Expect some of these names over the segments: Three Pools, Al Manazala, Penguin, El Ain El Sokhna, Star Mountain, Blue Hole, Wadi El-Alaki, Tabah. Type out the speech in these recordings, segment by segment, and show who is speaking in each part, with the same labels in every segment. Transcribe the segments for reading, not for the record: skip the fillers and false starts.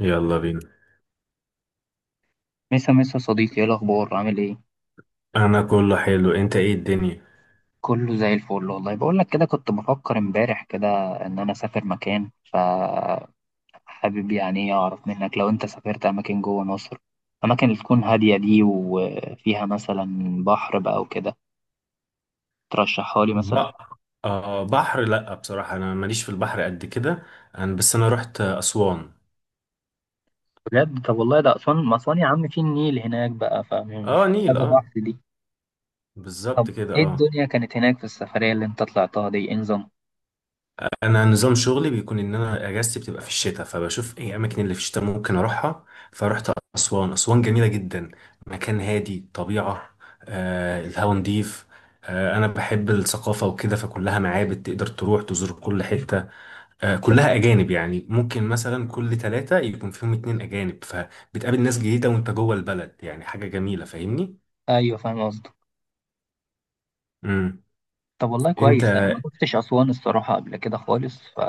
Speaker 1: يلا بينا.
Speaker 2: مسا مسا صديقي، ايه الاخبار؟ عامل ايه؟
Speaker 1: انا كله حلو، انت ايه الدنيا؟
Speaker 2: كله زي الفل. والله بقول لك كده، كنت بفكر امبارح كده ان انا اسافر مكان، فحابب يعني اعرف منك لو انت سافرت اماكن جوه مصر، اماكن اللي تكون هاديه دي وفيها مثلا بحر بقى وكده، ترشحها لي مثلا.
Speaker 1: بقى آه، بحر لا بصراحة انا ماليش في البحر قد كده. انا رحت اسوان.
Speaker 2: بجد؟ طب والله ده اسوان، ما اسوان يا عم في النيل هناك بقى، فمش
Speaker 1: اه نيل،
Speaker 2: محتاجه
Speaker 1: اه
Speaker 2: بحر دي. طب
Speaker 1: بالظبط كده
Speaker 2: ايه
Speaker 1: اه.
Speaker 2: الدنيا كانت هناك في السفريه اللي انت طلعتها دي، انظم؟
Speaker 1: انا نظام شغلي بيكون ان انا اجازتي بتبقى في الشتاء، فبشوف ايه اماكن اللي في الشتاء ممكن اروحها. فرحت اسوان. اسوان جميلة جدا، مكان هادي، طبيعة، آه الهوا نضيف. آه انا بحب الثقافة وكده، فكلها معابد تقدر تروح تزور كل حتة. كلها أجانب، يعني ممكن مثلا كل ثلاثة يكون فيهم اتنين أجانب، فبتقابل ناس جديدة وأنت جوه البلد، يعني حاجة جميلة، فاهمني؟
Speaker 2: ايوه فاهم قصدك.
Speaker 1: امم
Speaker 2: طب والله
Speaker 1: أنت
Speaker 2: كويس، انا ما كنتش اسوان الصراحه قبل كده خالص. ف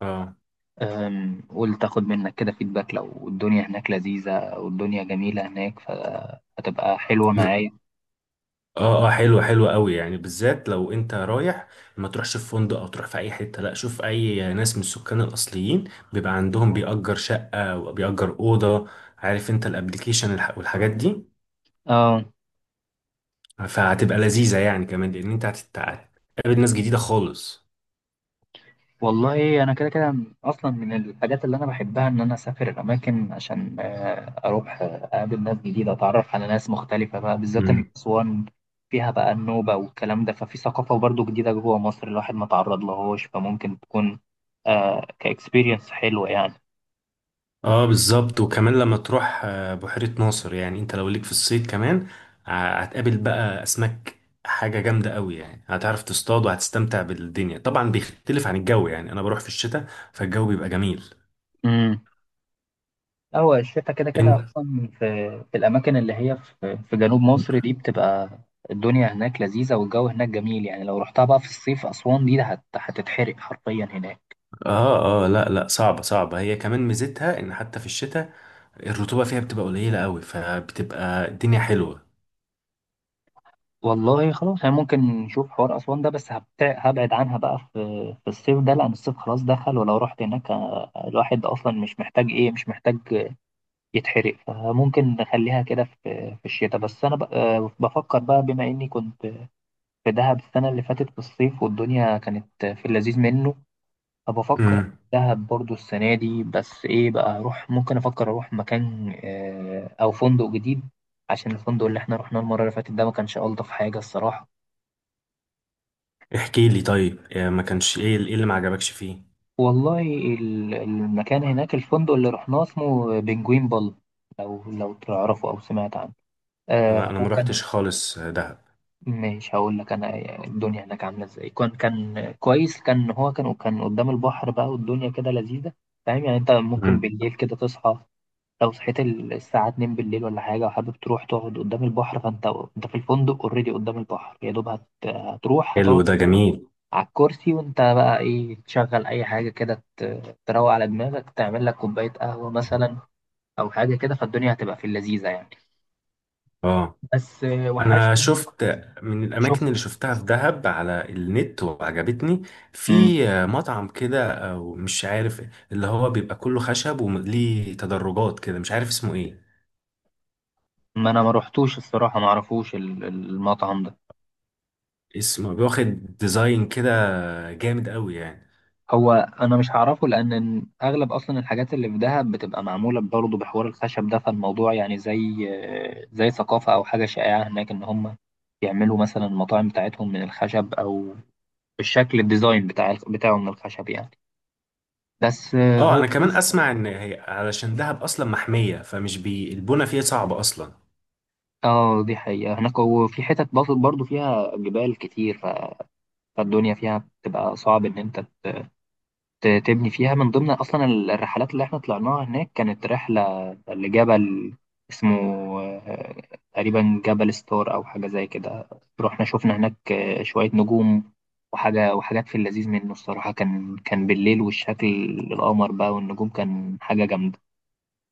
Speaker 1: اه.
Speaker 2: قول تاخد منك كده فيدباك، لو الدنيا هناك لذيذة والدنيا جميلة هناك فهتبقى حلوة
Speaker 1: لا،
Speaker 2: معايا.
Speaker 1: اه اه، حلوة حلوة قوي يعني، بالذات لو أنت رايح ما تروحش في فندق أو تروح في أي حتة، لا شوف أي ناس من السكان الأصليين بيبقى عندهم بيأجر شقة وبيأجر أوضة. عارف أنت الأبليكيشن والحاجات دي؟
Speaker 2: اه،
Speaker 1: فهتبقى لذيذة يعني، كمان لأن أنت هتتقابل ناس جديدة خالص.
Speaker 2: والله انا كده كده اصلا من الحاجات اللي انا بحبها ان انا اسافر اماكن، عشان اروح، اقابل ناس جديدة، اتعرف على ناس مختلفة، بقى بالذات ان اسوان فيها بقى النوبة والكلام ده، ففي ثقافة برضو جديدة جوه مصر الواحد ما تعرض لهوش، فممكن تكون آه كاكسبيرينس حلوة يعني.
Speaker 1: اه بالظبط. وكمان لما تروح بحيرة ناصر يعني، انت لو ليك في الصيد كمان هتقابل بقى اسماك، حاجة جامدة قوي يعني. هتعرف تصطاد وهتستمتع بالدنيا، طبعا بيختلف عن الجو يعني، انا بروح في الشتاء فالجو بيبقى جميل.
Speaker 2: مم. هو الشتاء كده كده
Speaker 1: انت
Speaker 2: أصلا في الأماكن اللي هي في في جنوب مصر دي، بتبقى الدنيا هناك لذيذة والجو هناك جميل. يعني لو رحتها بقى في الصيف، أسوان دي هتتحرق حرفيا هناك.
Speaker 1: اه اه. لا لا، صعبة صعبة. هي كمان ميزتها ان حتى في الشتاء الرطوبة فيها بتبقى قليلة قوي، فبتبقى الدنيا حلوة.
Speaker 2: والله خلاص، يعني ممكن نشوف حوار أسوان ده، بس هبتع- هبعد عنها بقى في في الصيف ده، لأن الصيف خلاص دخل، ولو رحت هناك الواحد أصلا مش محتاج إيه، مش محتاج يتحرق، فممكن نخليها كده في في الشتاء. بس أنا بفكر بقى، بما إني كنت في دهب السنة اللي فاتت في الصيف والدنيا كانت في اللذيذ منه. طب افكر
Speaker 1: امم
Speaker 2: دهب برضو السنه دي، بس ايه بقى اروح، ممكن افكر اروح مكان او فندق جديد، عشان الفندق اللي احنا رحناه المره اللي فاتت ده ما كانش الطف حاجه الصراحه.
Speaker 1: احكي لي طيب، ما كانش ايه، ايه اللي ما عجبكش فيه؟
Speaker 2: والله المكان هناك، الفندق اللي رحناه اسمه بنجوين بال، لو لو تعرفه او سمعت عنه. آه
Speaker 1: انا
Speaker 2: هو
Speaker 1: ما
Speaker 2: كان،
Speaker 1: روحتش خالص دهب.
Speaker 2: مش هقول لك انا الدنيا هناك عامله ازاي، كان كويس، كان هو كان قدام البحر بقى والدنيا كده لذيذه. فاهم يعني؟ انت ممكن
Speaker 1: امم
Speaker 2: بالليل كده تصحى، لو صحيت الساعة 2 بالليل ولا حاجة وحابب تروح تقعد قدام البحر، فأنت أنت في الفندق أوريدي قدام البحر، يا دوب هتروح هتقعد
Speaker 1: حلو، ده جميل.
Speaker 2: على الكرسي، وأنت بقى إيه، تشغل أي حاجة كده، تروق على دماغك، تعمل لك كوباية قهوة مثلا، أو حاجة كده، فالدنيا هتبقى في اللذيذة يعني.
Speaker 1: اه
Speaker 2: بس
Speaker 1: انا
Speaker 2: وحشني.
Speaker 1: شفت من
Speaker 2: شفت.
Speaker 1: الاماكن اللي شفتها في دهب على النت وعجبتني،
Speaker 2: مم.
Speaker 1: في مطعم كده او مش عارف اللي هو بيبقى كله خشب وليه تدرجات كده، مش عارف اسمه ايه.
Speaker 2: ما أنا ما روحتوش الصراحة، ما أعرفوش المطعم ده.
Speaker 1: اسمه بياخد ديزاين كده جامد قوي يعني.
Speaker 2: هو انا مش هعرفه، لان اغلب اصلا الحاجات اللي في دهب بتبقى معموله برضه بحوار الخشب ده، فالموضوع يعني زي زي ثقافه او حاجه شائعه هناك، ان هم يعملوا مثلا المطاعم بتاعتهم من الخشب، او الشكل الديزاين بتاعه من الخشب يعني. بس آه،
Speaker 1: اه
Speaker 2: هو
Speaker 1: انا كمان اسمع ان هي علشان دهب اصلا محمية، فمش بي البنى فيها صعبة اصلا.
Speaker 2: اه، دي حقيقة هناك. وفي حتت برضه فيها جبال كتير، فالدنيا فيها بتبقى صعب ان انت تبني فيها. من ضمن أصلا الرحلات اللي احنا طلعناها هناك كانت رحلة لجبل اسمه آه، تقريبا جبل ستار أو حاجة زي كده. رحنا شفنا هناك شوية نجوم وحاجة، وحاجات في اللذيذ منه الصراحة. كان كان بالليل، والشكل، القمر بقى والنجوم، كان حاجة جامدة.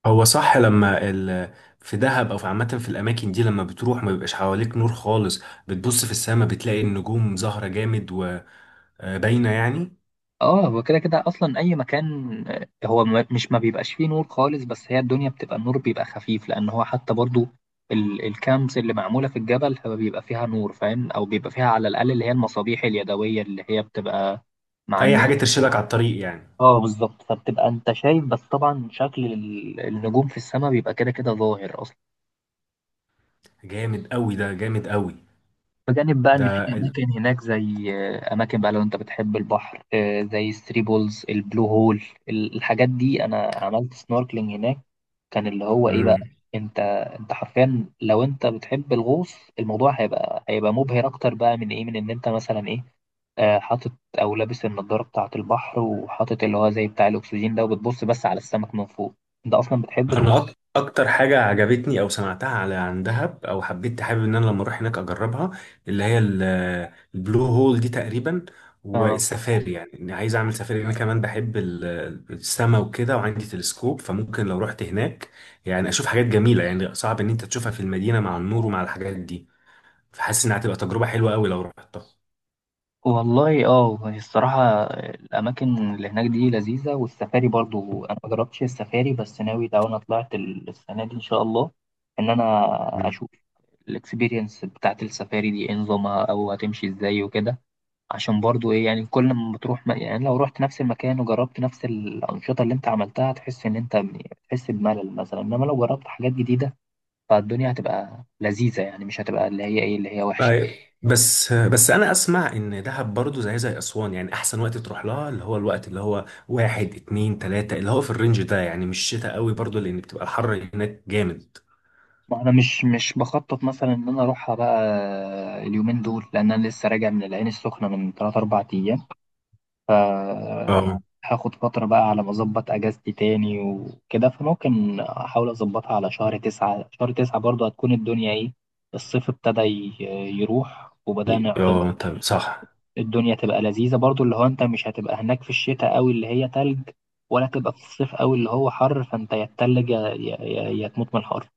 Speaker 1: هو صح، لما في دهب او في عامه في الاماكن دي، لما بتروح ما بيبقاش حواليك نور خالص. بتبص في السماء بتلاقي النجوم ظاهره جامد وباينه يعني،
Speaker 2: اه، هو كده كده اصلا اي مكان هو مش ما بيبقاش فيه نور خالص، بس هي الدنيا بتبقى النور بيبقى خفيف، لان هو حتى برضو الكامبس اللي معموله في الجبل هو بيبقى فيها نور، فاهم؟ او بيبقى فيها على الاقل اللي هي المصابيح اليدويه اللي هي بتبقى مع
Speaker 1: اي حاجه
Speaker 2: الناس.
Speaker 1: ترشدك على الطريق يعني.
Speaker 2: اه بالظبط، فبتبقى انت شايف، بس طبعا شكل النجوم في السماء بيبقى كده كده ظاهر،
Speaker 1: جامد قوي، ده جامد قوي.
Speaker 2: بجانب بقى
Speaker 1: ده
Speaker 2: ان في
Speaker 1: ال...
Speaker 2: اماكن هناك زي اماكن بقى، لو انت بتحب البحر زي الثري بولز، البلو هول، الحاجات دي، انا عملت سنوركلينج هناك، كان اللي هو ايه بقى.
Speaker 1: مم.
Speaker 2: انت انت حرفيا لو انت بتحب الغوص، الموضوع هيبقى مبهر اكتر بقى من ايه، من ان انت مثلا ايه حاطط او لابس النضاره بتاعه البحر، وحاطط اللي هو زي بتاع الاكسجين ده، وبتبص بس على السمك من فوق. انت اصلا بتحب
Speaker 1: انا اكتر حاجه عجبتني او سمعتها على عن دهب او حبيت حابب ان انا لما اروح هناك اجربها، اللي هي البلو هول دي تقريبا،
Speaker 2: تغوص.
Speaker 1: والسفاري. يعني إني عايز اعمل سفاري. انا كمان بحب السما وكده، وعندي تلسكوب، فممكن لو رحت هناك يعني اشوف حاجات جميله، يعني صعب ان انت تشوفها في المدينه مع النور ومع الحاجات دي. فحاسس انها هتبقى تجربه حلوه قوي لو رحتها.
Speaker 2: والله اه، هي الصراحة الأماكن اللي هناك دي لذيذة، والسفاري برضو أنا مجربتش السفاري، بس ناوي لو أنا طلعت السنة دي إن شاء الله، إن أنا أشوف الإكسبيرينس بتاعت السفاري دي إيه نظامها، أو هتمشي إزاي وكده. عشان برضو إيه، يعني كل ما بتروح يعني لو رحت نفس المكان وجربت نفس الأنشطة اللي أنت عملتها، هتحس إن أنت بتحس بملل مثلا، إنما لو جربت حاجات جديدة فالدنيا هتبقى لذيذة يعني، مش هتبقى اللي هي إيه، اللي هي
Speaker 1: أيوة.
Speaker 2: وحشة.
Speaker 1: بس انا اسمع ان دهب برضو زي زي اسوان يعني، احسن وقت تروح لها اللي هو الوقت اللي هو واحد اتنين تلاتة، اللي هو في الرينج ده يعني، مش شتاء قوي برضو لان بتبقى الحر هناك جامد.
Speaker 2: ما انا مش بخطط مثلا ان انا اروحها بقى اليومين دول، لان انا لسه راجع من العين السخنه من 3 4 ايام. آه،
Speaker 1: اه.
Speaker 2: هاخد فتره بقى على ما اظبط اجازتي تاني وكده، فممكن احاول اظبطها على شهر 9. شهر 9 برضه هتكون الدنيا ايه، الصيف ابتدى يروح، وبدأنا يعتبر
Speaker 1: اه طب صح،
Speaker 2: الدنيا تبقى لذيذه برضه، اللي هو انت مش هتبقى هناك في الشتاء قوي اللي هي تلج، ولا تبقى في الصيف قوي اللي هو حر، فانت يا تتلج يا تموت من الحر.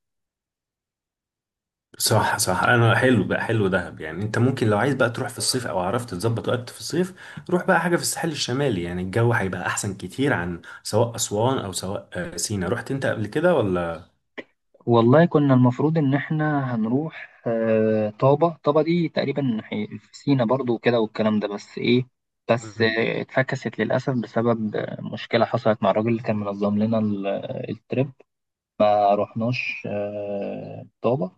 Speaker 1: صح صح. انا حلو بقى، حلو دهب يعني. انت ممكن لو عايز بقى تروح في الصيف، او عرفت تظبط وقت في الصيف روح بقى حاجة في الساحل الشمالي، يعني الجو هيبقى احسن كتير عن سواء اسوان او سواء سينا. رحت انت قبل كده ولا؟
Speaker 2: والله كنا المفروض إن إحنا هنروح طابة. طابة دي تقريبا في سينا برضو وكده والكلام ده، بس إيه، بس اتفكست للأسف بسبب مشكلة حصلت مع الراجل اللي كان منظم لنا الترip. ما رحناش طابة،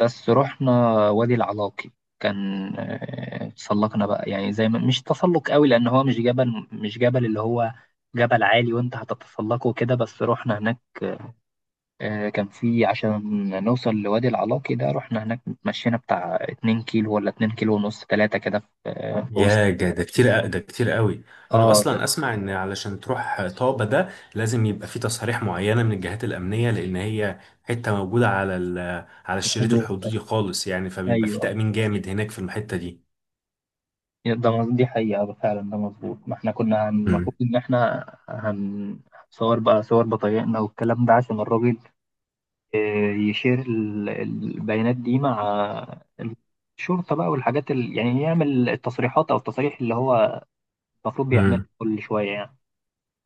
Speaker 2: بس رحنا وادي العلاقي. كان تسلقنا بقى يعني، زي ما مش تسلق قوي، لأن هو مش جبل اللي هو جبل عالي وأنت هتتسلقه كده، بس رحنا هناك كان في عشان نوصل لوادي العلاقي ده، رحنا هناك مشينا بتاع 2 كيلو ولا 2 كيلو ونص 3 كده، في في وسط.
Speaker 1: ده كتير، ده كتير قوي. انا
Speaker 2: اه، ده
Speaker 1: اصلا اسمع ان علشان تروح طابة ده لازم يبقى في تصاريح معينة من الجهات الامنية، لان هي حتة موجودة على على
Speaker 2: في
Speaker 1: الشريط
Speaker 2: الحدود ده.
Speaker 1: الحدودي خالص يعني، فبيبقى في
Speaker 2: ايوه،
Speaker 1: تأمين جامد هناك في الحتة دي.
Speaker 2: ده دي حقيقة فعلا، ده مظبوط. ما احنا كنا المفروض ان احنا هنصور بقى صور بطايقنا والكلام ده، عشان الراجل يشير البيانات دي مع الشرطة بقى، والحاجات يعني يعمل التصريحات او التصاريح اللي هو المفروض بيعملها
Speaker 1: امم
Speaker 2: كل شوية يعني.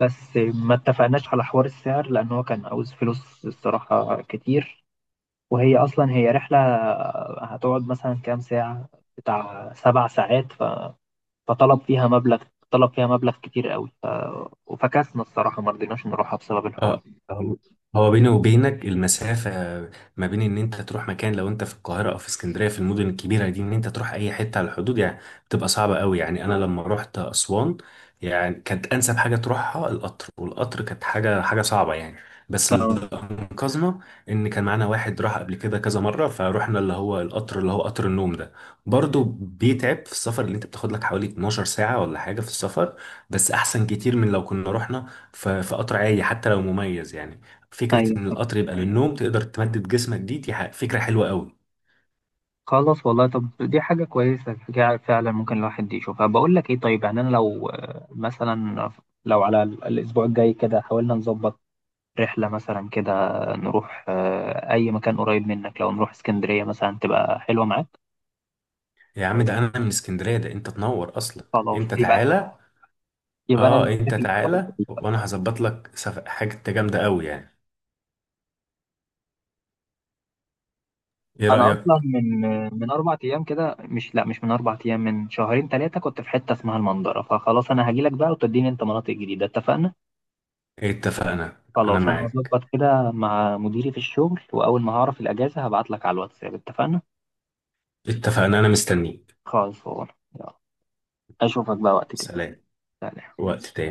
Speaker 2: بس ما اتفقناش على حوار السعر، لأن هو كان عاوز فلوس الصراحة كتير، وهي أصلا هي رحلة هتقعد مثلا كام ساعة، بتاع 7 ساعات، فطلب فيها مبلغ، طلب فيها مبلغ كتير قوي وفكسنا الصراحة ما رضيناش نروحها بسبب الحوار.
Speaker 1: اه. هو هو بيني وبينك المسافة ما بين ان انت تروح مكان لو انت في القاهرة او في اسكندرية في المدن الكبيرة دي، ان انت تروح اي حتة على الحدود يعني بتبقى صعبة قوي يعني. انا لما رحت اسوان يعني، كانت انسب حاجة تروحها القطر، والقطر كانت حاجة حاجة صعبة يعني. بس اللي
Speaker 2: ف-
Speaker 1: انقذنا ان كان معانا واحد راح قبل كده كذا مرة، فروحنا اللي هو القطر اللي هو قطر النوم ده. برضه بيتعب في السفر، اللي انت بتاخد لك حوالي 12 ساعة ولا حاجة في السفر، بس احسن كتير من لو كنا رحنا في قطر عادي حتى لو مميز يعني. فكرة
Speaker 2: أيوة.
Speaker 1: إن القطر يبقى للنوم تقدر تمدد جسمك، دي فكرة حلوة قوي.
Speaker 2: خلاص والله، طب دي حاجة كويسة، حاجة فعلا ممكن الواحد يشوفها. بقول لك إيه، طيب يعني أنا لو مثلا لو على الأسبوع الجاي كده حاولنا نظبط رحلة مثلا كده، نروح أي مكان قريب منك، لو نروح اسكندرية مثلا تبقى حلوة معاك.
Speaker 1: يا عم ده أنا من اسكندرية، ده أنت تنور أصلا.
Speaker 2: خلاص
Speaker 1: أنت
Speaker 2: يبقى،
Speaker 1: تعالى.
Speaker 2: يبقى أنا
Speaker 1: أه
Speaker 2: اللي
Speaker 1: أنت
Speaker 2: هحتفل الأسبوع
Speaker 1: تعالى
Speaker 2: اللي فات.
Speaker 1: وأنا هظبط لك حاجة جامدة قوي يعني. إيه
Speaker 2: أنا
Speaker 1: رأيك؟
Speaker 2: أصلا من، من أربع أيام كده، مش، لأ مش من أربع أيام، من شهرين تلاتة كنت في حتة اسمها المنظرة، فخلاص أنا هجيلك بقى وتديني أنت مناطق جديدة، اتفقنا؟
Speaker 1: اتفقنا، أنا
Speaker 2: خلاص أنا
Speaker 1: معاك.
Speaker 2: هظبط كده مع مديري في الشغل، وأول ما هعرف الأجازة هبعتلك على الواتساب، اتفقنا؟
Speaker 1: اتفقنا، أنا مستنيك.
Speaker 2: خلاص يلا، أشوفك بقى وقت تاني.
Speaker 1: سلام.
Speaker 2: سلام.
Speaker 1: وقت تاني.